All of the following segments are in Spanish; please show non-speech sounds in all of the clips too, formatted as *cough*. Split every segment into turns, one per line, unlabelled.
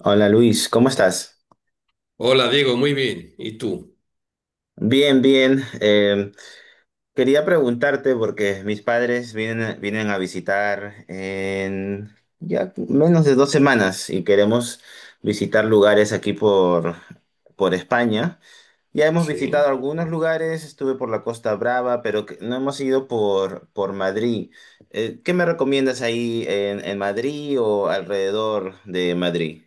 Hola Luis, ¿cómo estás?
Hola Diego, muy bien. ¿Y tú?
Bien, bien. Quería preguntarte porque mis padres vienen a visitar en ya menos de 2 semanas y queremos visitar lugares aquí por España. Ya hemos visitado
Sí.
algunos lugares, estuve por la Costa Brava, pero no hemos ido por Madrid. ¿Qué me recomiendas ahí en Madrid o alrededor de Madrid?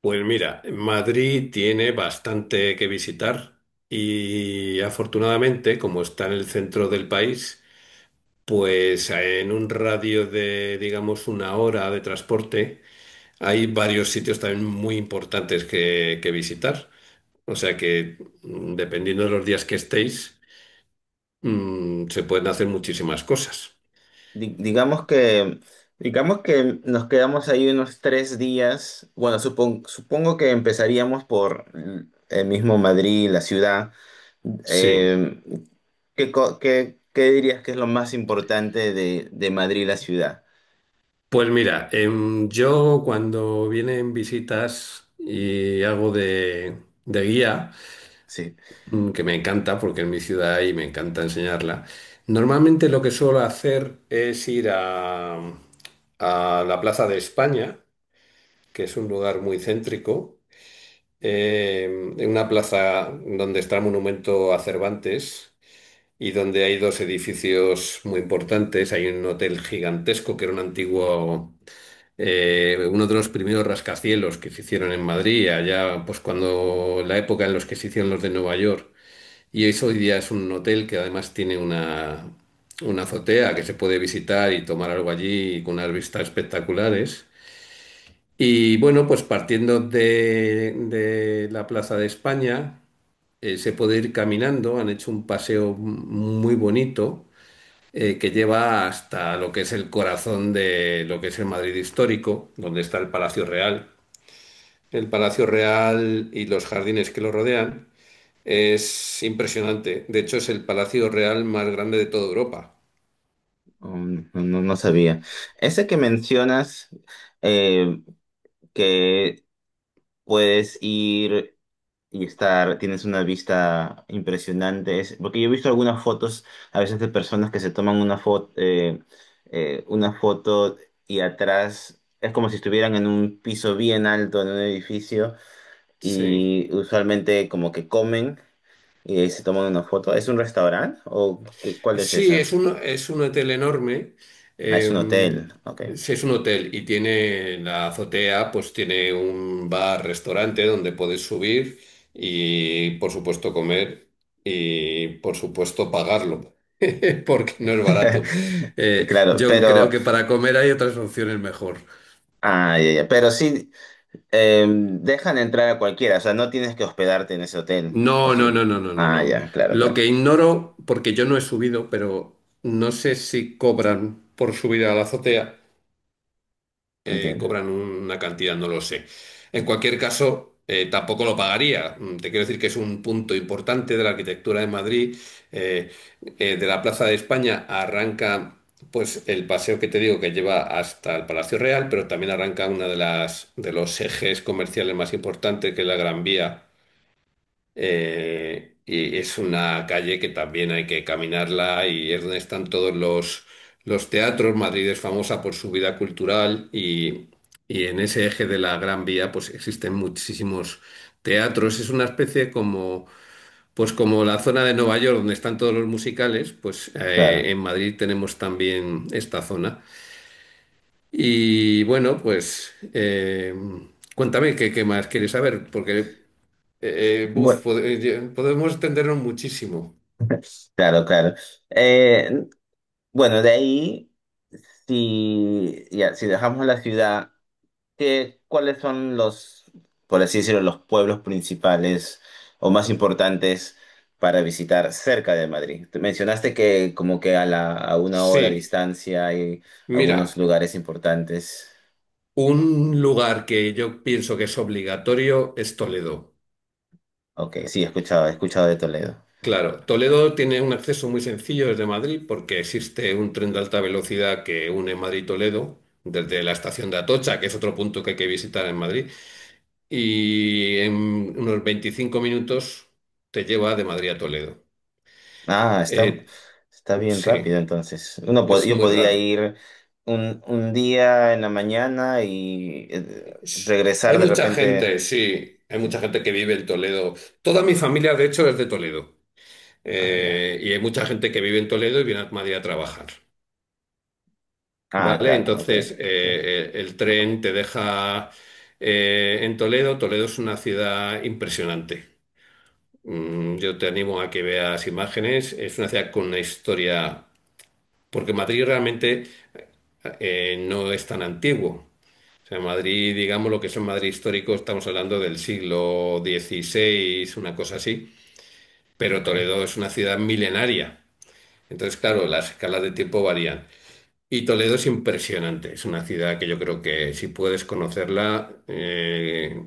Pues mira, Madrid tiene bastante que visitar y afortunadamente, como está en el centro del país, pues en un radio de, digamos, una hora de transporte, hay varios sitios también muy importantes que visitar. O sea que, dependiendo de los días que estéis, se pueden hacer muchísimas cosas.
Di- Digamos que, digamos que nos quedamos ahí unos 3 días. Bueno, supongo que empezaríamos por el mismo Madrid, la ciudad.
Sí.
Eh, ¿Qué, qué dirías que es lo más importante de Madrid, la ciudad?
Pues mira, yo cuando vienen visitas y hago de guía,
Sí.
mm, que me encanta porque en mi ciudad hay y me encanta enseñarla, normalmente lo que suelo hacer es ir a la Plaza de España, que es un lugar muy céntrico, en una plaza donde está el monumento a Cervantes y donde hay dos edificios muy importantes. Hay un hotel gigantesco que era un antiguo, uno de los primeros rascacielos que se hicieron en Madrid, allá pues cuando la época en los que se hicieron los de Nueva York. Y eso hoy día es un hotel que además tiene una azotea que se puede visitar y tomar algo allí con unas vistas espectaculares. Y bueno, pues partiendo de la Plaza de España, se puede ir caminando. Han hecho un paseo muy bonito que lleva hasta lo que es el corazón de lo que es el Madrid histórico, donde está el Palacio Real. El Palacio Real y los jardines que lo rodean es impresionante. De hecho, es el Palacio Real más grande de toda Europa.
No, no sabía. Ese que mencionas, eh, que puedes ir y estar, tienes una vista impresionante. Porque yo he visto algunas fotos a veces de personas que se toman una foto, una foto, y atrás es como si estuvieran en un piso bien alto, en un edificio,
Sí.
y usualmente como que comen y de ahí se toman una foto. ¿Es un restaurante o cuál es
Sí, es
esa?
un hotel enorme.
Ah, es
eh,
un hotel, ok.
sí, es un hotel y tiene la azotea, pues tiene un bar, restaurante donde puedes subir y, por supuesto, comer y, por supuesto, pagarlo, *laughs* porque no es barato.
*laughs* Claro,
Yo creo
pero,
que para comer hay otras opciones mejor.
ah, ya, ya. Pero sí, dejan entrar a cualquiera, o sea, no tienes que hospedarte en ese hotel, ¿o
No, no,
sí?
no, no, no, no,
Ah,
no.
ya, claro,
Lo
claro,
que ignoro, porque yo no he subido, pero no sé si cobran por subir a la azotea.
entiendo,
Cobran una cantidad, no lo sé. En cualquier caso, tampoco lo pagaría. Te quiero decir que es un punto importante de la arquitectura de Madrid. Eh, de la Plaza de España arranca pues el paseo que te digo que lleva hasta el Palacio Real, pero también arranca una de las de los ejes comerciales más importantes, que es la Gran Vía, y es una calle que también hay que caminarla y es donde están todos los teatros. Madrid es famosa por su vida cultural, y en ese eje de la Gran Vía pues existen muchísimos teatros. Es una especie como, pues como la zona de Nueva York donde están todos los musicales. Pues
claro.
en Madrid tenemos también esta zona. Y bueno, pues cuéntame qué más quieres saber, porque Eh, eh, buf,
Bueno,
pod- eh, podemos extendernos muchísimo.
*laughs* claro, claro. Eh, bueno, de ahí, si, ya, si dejamos la ciudad, ¿qué, cuáles son los, por así decirlo, los pueblos principales o más importantes para visitar cerca de Madrid? Te mencionaste que como que a a 1 hora de
Sí,
distancia hay algunos
mira,
lugares importantes.
un lugar que yo pienso que es obligatorio es Toledo.
Ok, sí, he escuchado de Toledo.
Claro, Toledo tiene un acceso muy sencillo desde Madrid porque existe un tren de alta velocidad que une Madrid y Toledo desde la estación de Atocha, que es otro punto que hay que visitar en Madrid, y en unos 25 minutos te lleva de Madrid a Toledo.
Ah, está,
Eh,
está bien
sí,
rápido entonces. Uno
es
yo
muy
podría
rápido.
ir un día en la mañana y regresar
Hay
de
mucha
repente.
gente, sí, hay
Sí.
mucha gente que vive en Toledo. Toda mi familia, de hecho, es de Toledo.
Ah, ya.
Y hay mucha gente que vive en Toledo y viene a Madrid a trabajar.
Ah,
¿Vale?
claro, ok,
Entonces,
sí,
eh, eh, el tren te deja en Toledo. Toledo es una ciudad impresionante. Yo te animo a que veas imágenes. Es una ciudad con una historia, porque Madrid realmente no es tan antiguo. O sea, Madrid, digamos lo que es un Madrid histórico, estamos hablando del siglo XVI, una cosa así, pero
ok.
Toledo es una ciudad milenaria. Entonces, claro, las escalas de tiempo varían. Y Toledo es impresionante. Es una ciudad que yo creo que si puedes conocerla,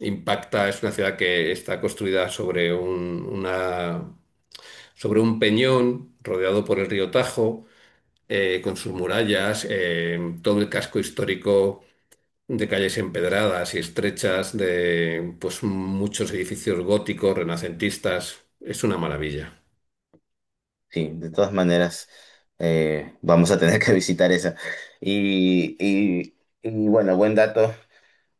impacta. Es una ciudad que está construida sobre sobre un peñón rodeado por el río Tajo, con sus murallas, todo el casco histórico de calles empedradas y estrechas, de pues muchos edificios góticos, renacentistas. Es una maravilla.
Sí, de todas maneras, vamos a tener que *laughs* visitar esa. Y bueno, buen dato.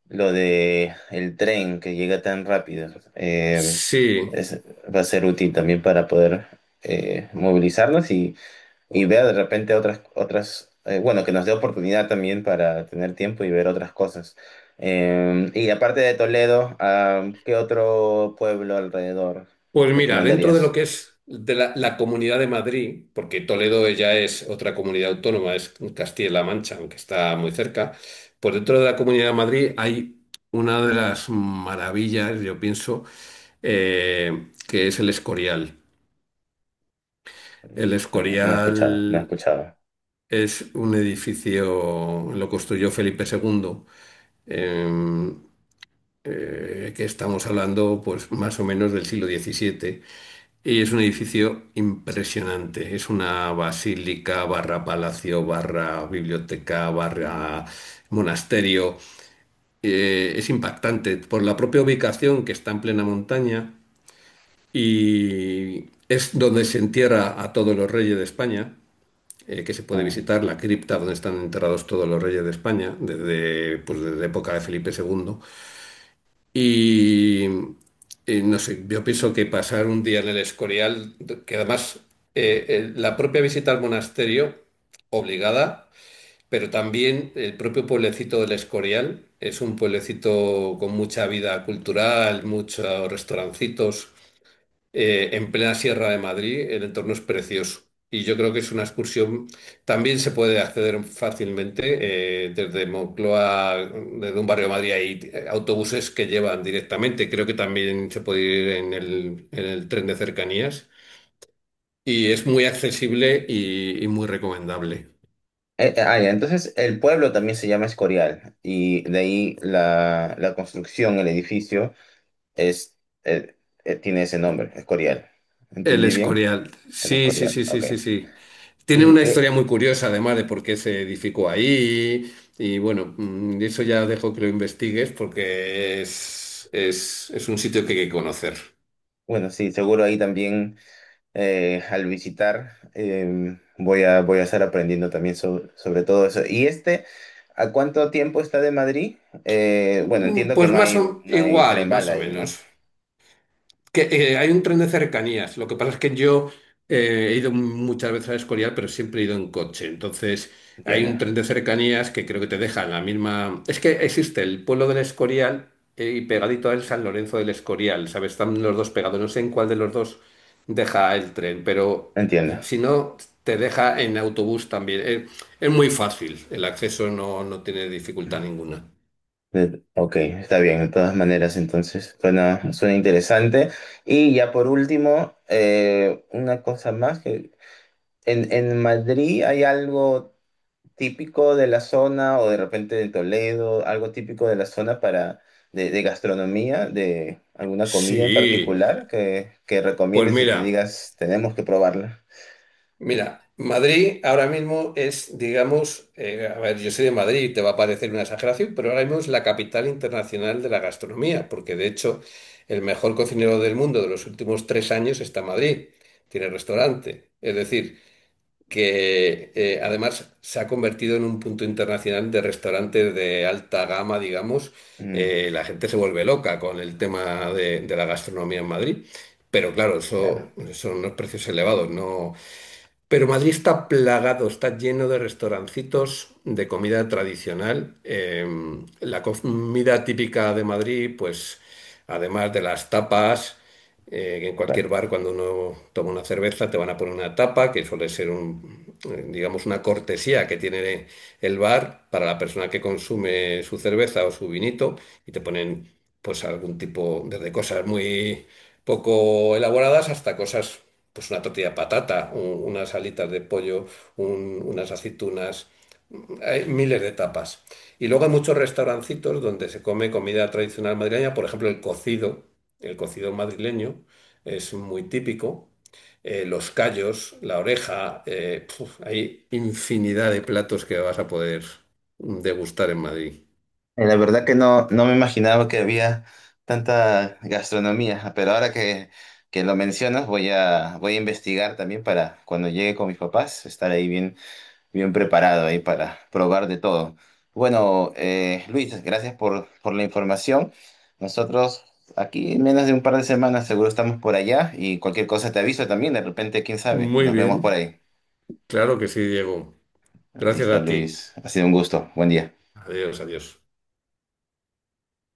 Lo de el tren que llega tan rápido eh,
Sí,
es- va a ser útil también para poder movilizarnos y ver de repente otras, otras bueno, que nos dé oportunidad también para tener tiempo y ver otras cosas. Y aparte de Toledo, ah, ¿qué otro pueblo alrededor
pues mira, dentro de lo
recomendarías?
que es de la Comunidad de Madrid, porque Toledo ya es otra comunidad autónoma, es Castilla-La Mancha, aunque está muy cerca, pues dentro de la Comunidad de Madrid hay una de las maravillas, yo pienso, que es el Escorial. El
No, no, no he escuchado, no he
Escorial
escuchado.
es un edificio, lo construyó Felipe II, em, que estamos hablando pues más o menos del siglo XVII, y es un edificio impresionante. Es una basílica barra palacio, barra biblioteca, barra monasterio. Es impactante por la propia ubicación que está en plena montaña, y es donde se entierra a todos los reyes de España, que se puede
Ah,
visitar, la cripta donde están enterrados todos los reyes de España, desde, pues, desde época de Felipe II. Y, y no sé, yo pienso que pasar un día en el Escorial, que además, la propia visita al monasterio, obligada, pero también el propio pueblecito del Escorial, es un pueblecito con mucha vida cultural, muchos restaurancitos, en plena Sierra de Madrid, el entorno es precioso. Y yo creo que es una excursión, también se puede acceder fácilmente desde Moncloa, desde un barrio de Madrid hay autobuses que llevan directamente, creo que también se puede ir en el tren de cercanías y es muy accesible y muy recomendable.
Ya, entonces el pueblo también se llama Escorial y de ahí la construcción, el edificio. Es, eh, tiene ese nombre, Escorial.
El
¿Entendí bien?
Escorial.
El
Sí, sí,
Escorial,
sí, sí,
ok.
sí, sí. Tiene
Y
una historia muy curiosa, además, de por qué se edificó ahí. Y bueno, eso ya dejo que lo investigues porque es un sitio que hay que conocer.
bueno, sí, seguro ahí también al visitar voy a, voy a estar aprendiendo también sobre todo eso. ¿Y este, a cuánto tiempo está de Madrid? Bueno, entiendo que
Pues
no
más
hay,
o,
no hay
igual,
tren
más
bala
o
ahí, ¿no?
menos. Que, hay un tren de cercanías. Lo que pasa es que yo he ido muchas veces a Escorial, pero siempre he ido en coche. Entonces, hay
Entiendo,
un tren de cercanías que creo que te deja en la misma. Es que existe el pueblo del Escorial, y pegadito a él San Lorenzo del Escorial, ¿sabes? Están los dos pegados. No sé en cuál de los dos deja el tren, pero
entiendo.
si no, te deja en autobús también. Es muy fácil. El acceso no tiene dificultad ninguna.
Ok, está bien, de todas maneras, entonces suena, suena interesante. Y ya por último, una cosa más que en Madrid hay algo típico de la zona o de repente de Toledo, algo típico de la zona para de gastronomía, de alguna comida en
Sí,
particular que
pues
recomiendes y que
mira.
digas, tenemos que probarla.
Mira, Madrid ahora mismo es, digamos, a ver, yo soy de Madrid, te va a parecer una exageración, pero ahora mismo es la capital internacional de la gastronomía, porque de hecho el mejor cocinero del mundo de los últimos 3 años está en Madrid, tiene restaurante. Es decir, que además se ha convertido en un punto internacional de restaurantes de alta gama, digamos.
Mm,
La gente se vuelve loca con el tema de la gastronomía en Madrid. Pero claro,
claro,
eso son unos precios elevados, no, pero Madrid está plagado, está lleno de restaurancitos de comida tradicional. La comida típica de Madrid, pues además de las tapas, que en cualquier
claro.
bar cuando uno toma una cerveza te van a poner una tapa, que suele ser digamos, una cortesía que tiene el bar para la persona que consume su cerveza o su vinito, y te ponen pues algún tipo, desde cosas muy poco elaboradas hasta cosas, pues una tortilla de patata, unas alitas de pollo, unas aceitunas, hay miles de tapas. Y luego hay muchos restaurancitos donde se come comida tradicional madrileña, por ejemplo, el cocido madrileño es muy típico. Eh, los callos, la oreja, puf, hay infinidad de platos que vas a poder degustar en Madrid.
La verdad que no, no me imaginaba que había tanta gastronomía, pero ahora que lo mencionas voy a, voy a investigar también para cuando llegue con mis papás, estar ahí bien, bien preparado ahí para probar de todo. Bueno, Luis, gracias por la información. Nosotros aquí en menos de un par de semanas seguro estamos por allá y cualquier cosa te aviso también. De repente, quién sabe,
Muy
nos vemos por
bien,
ahí.
claro que sí, Diego. Gracias
Listo,
a ti.
Luis. Ha sido un gusto. Buen día.
Adiós, adiós.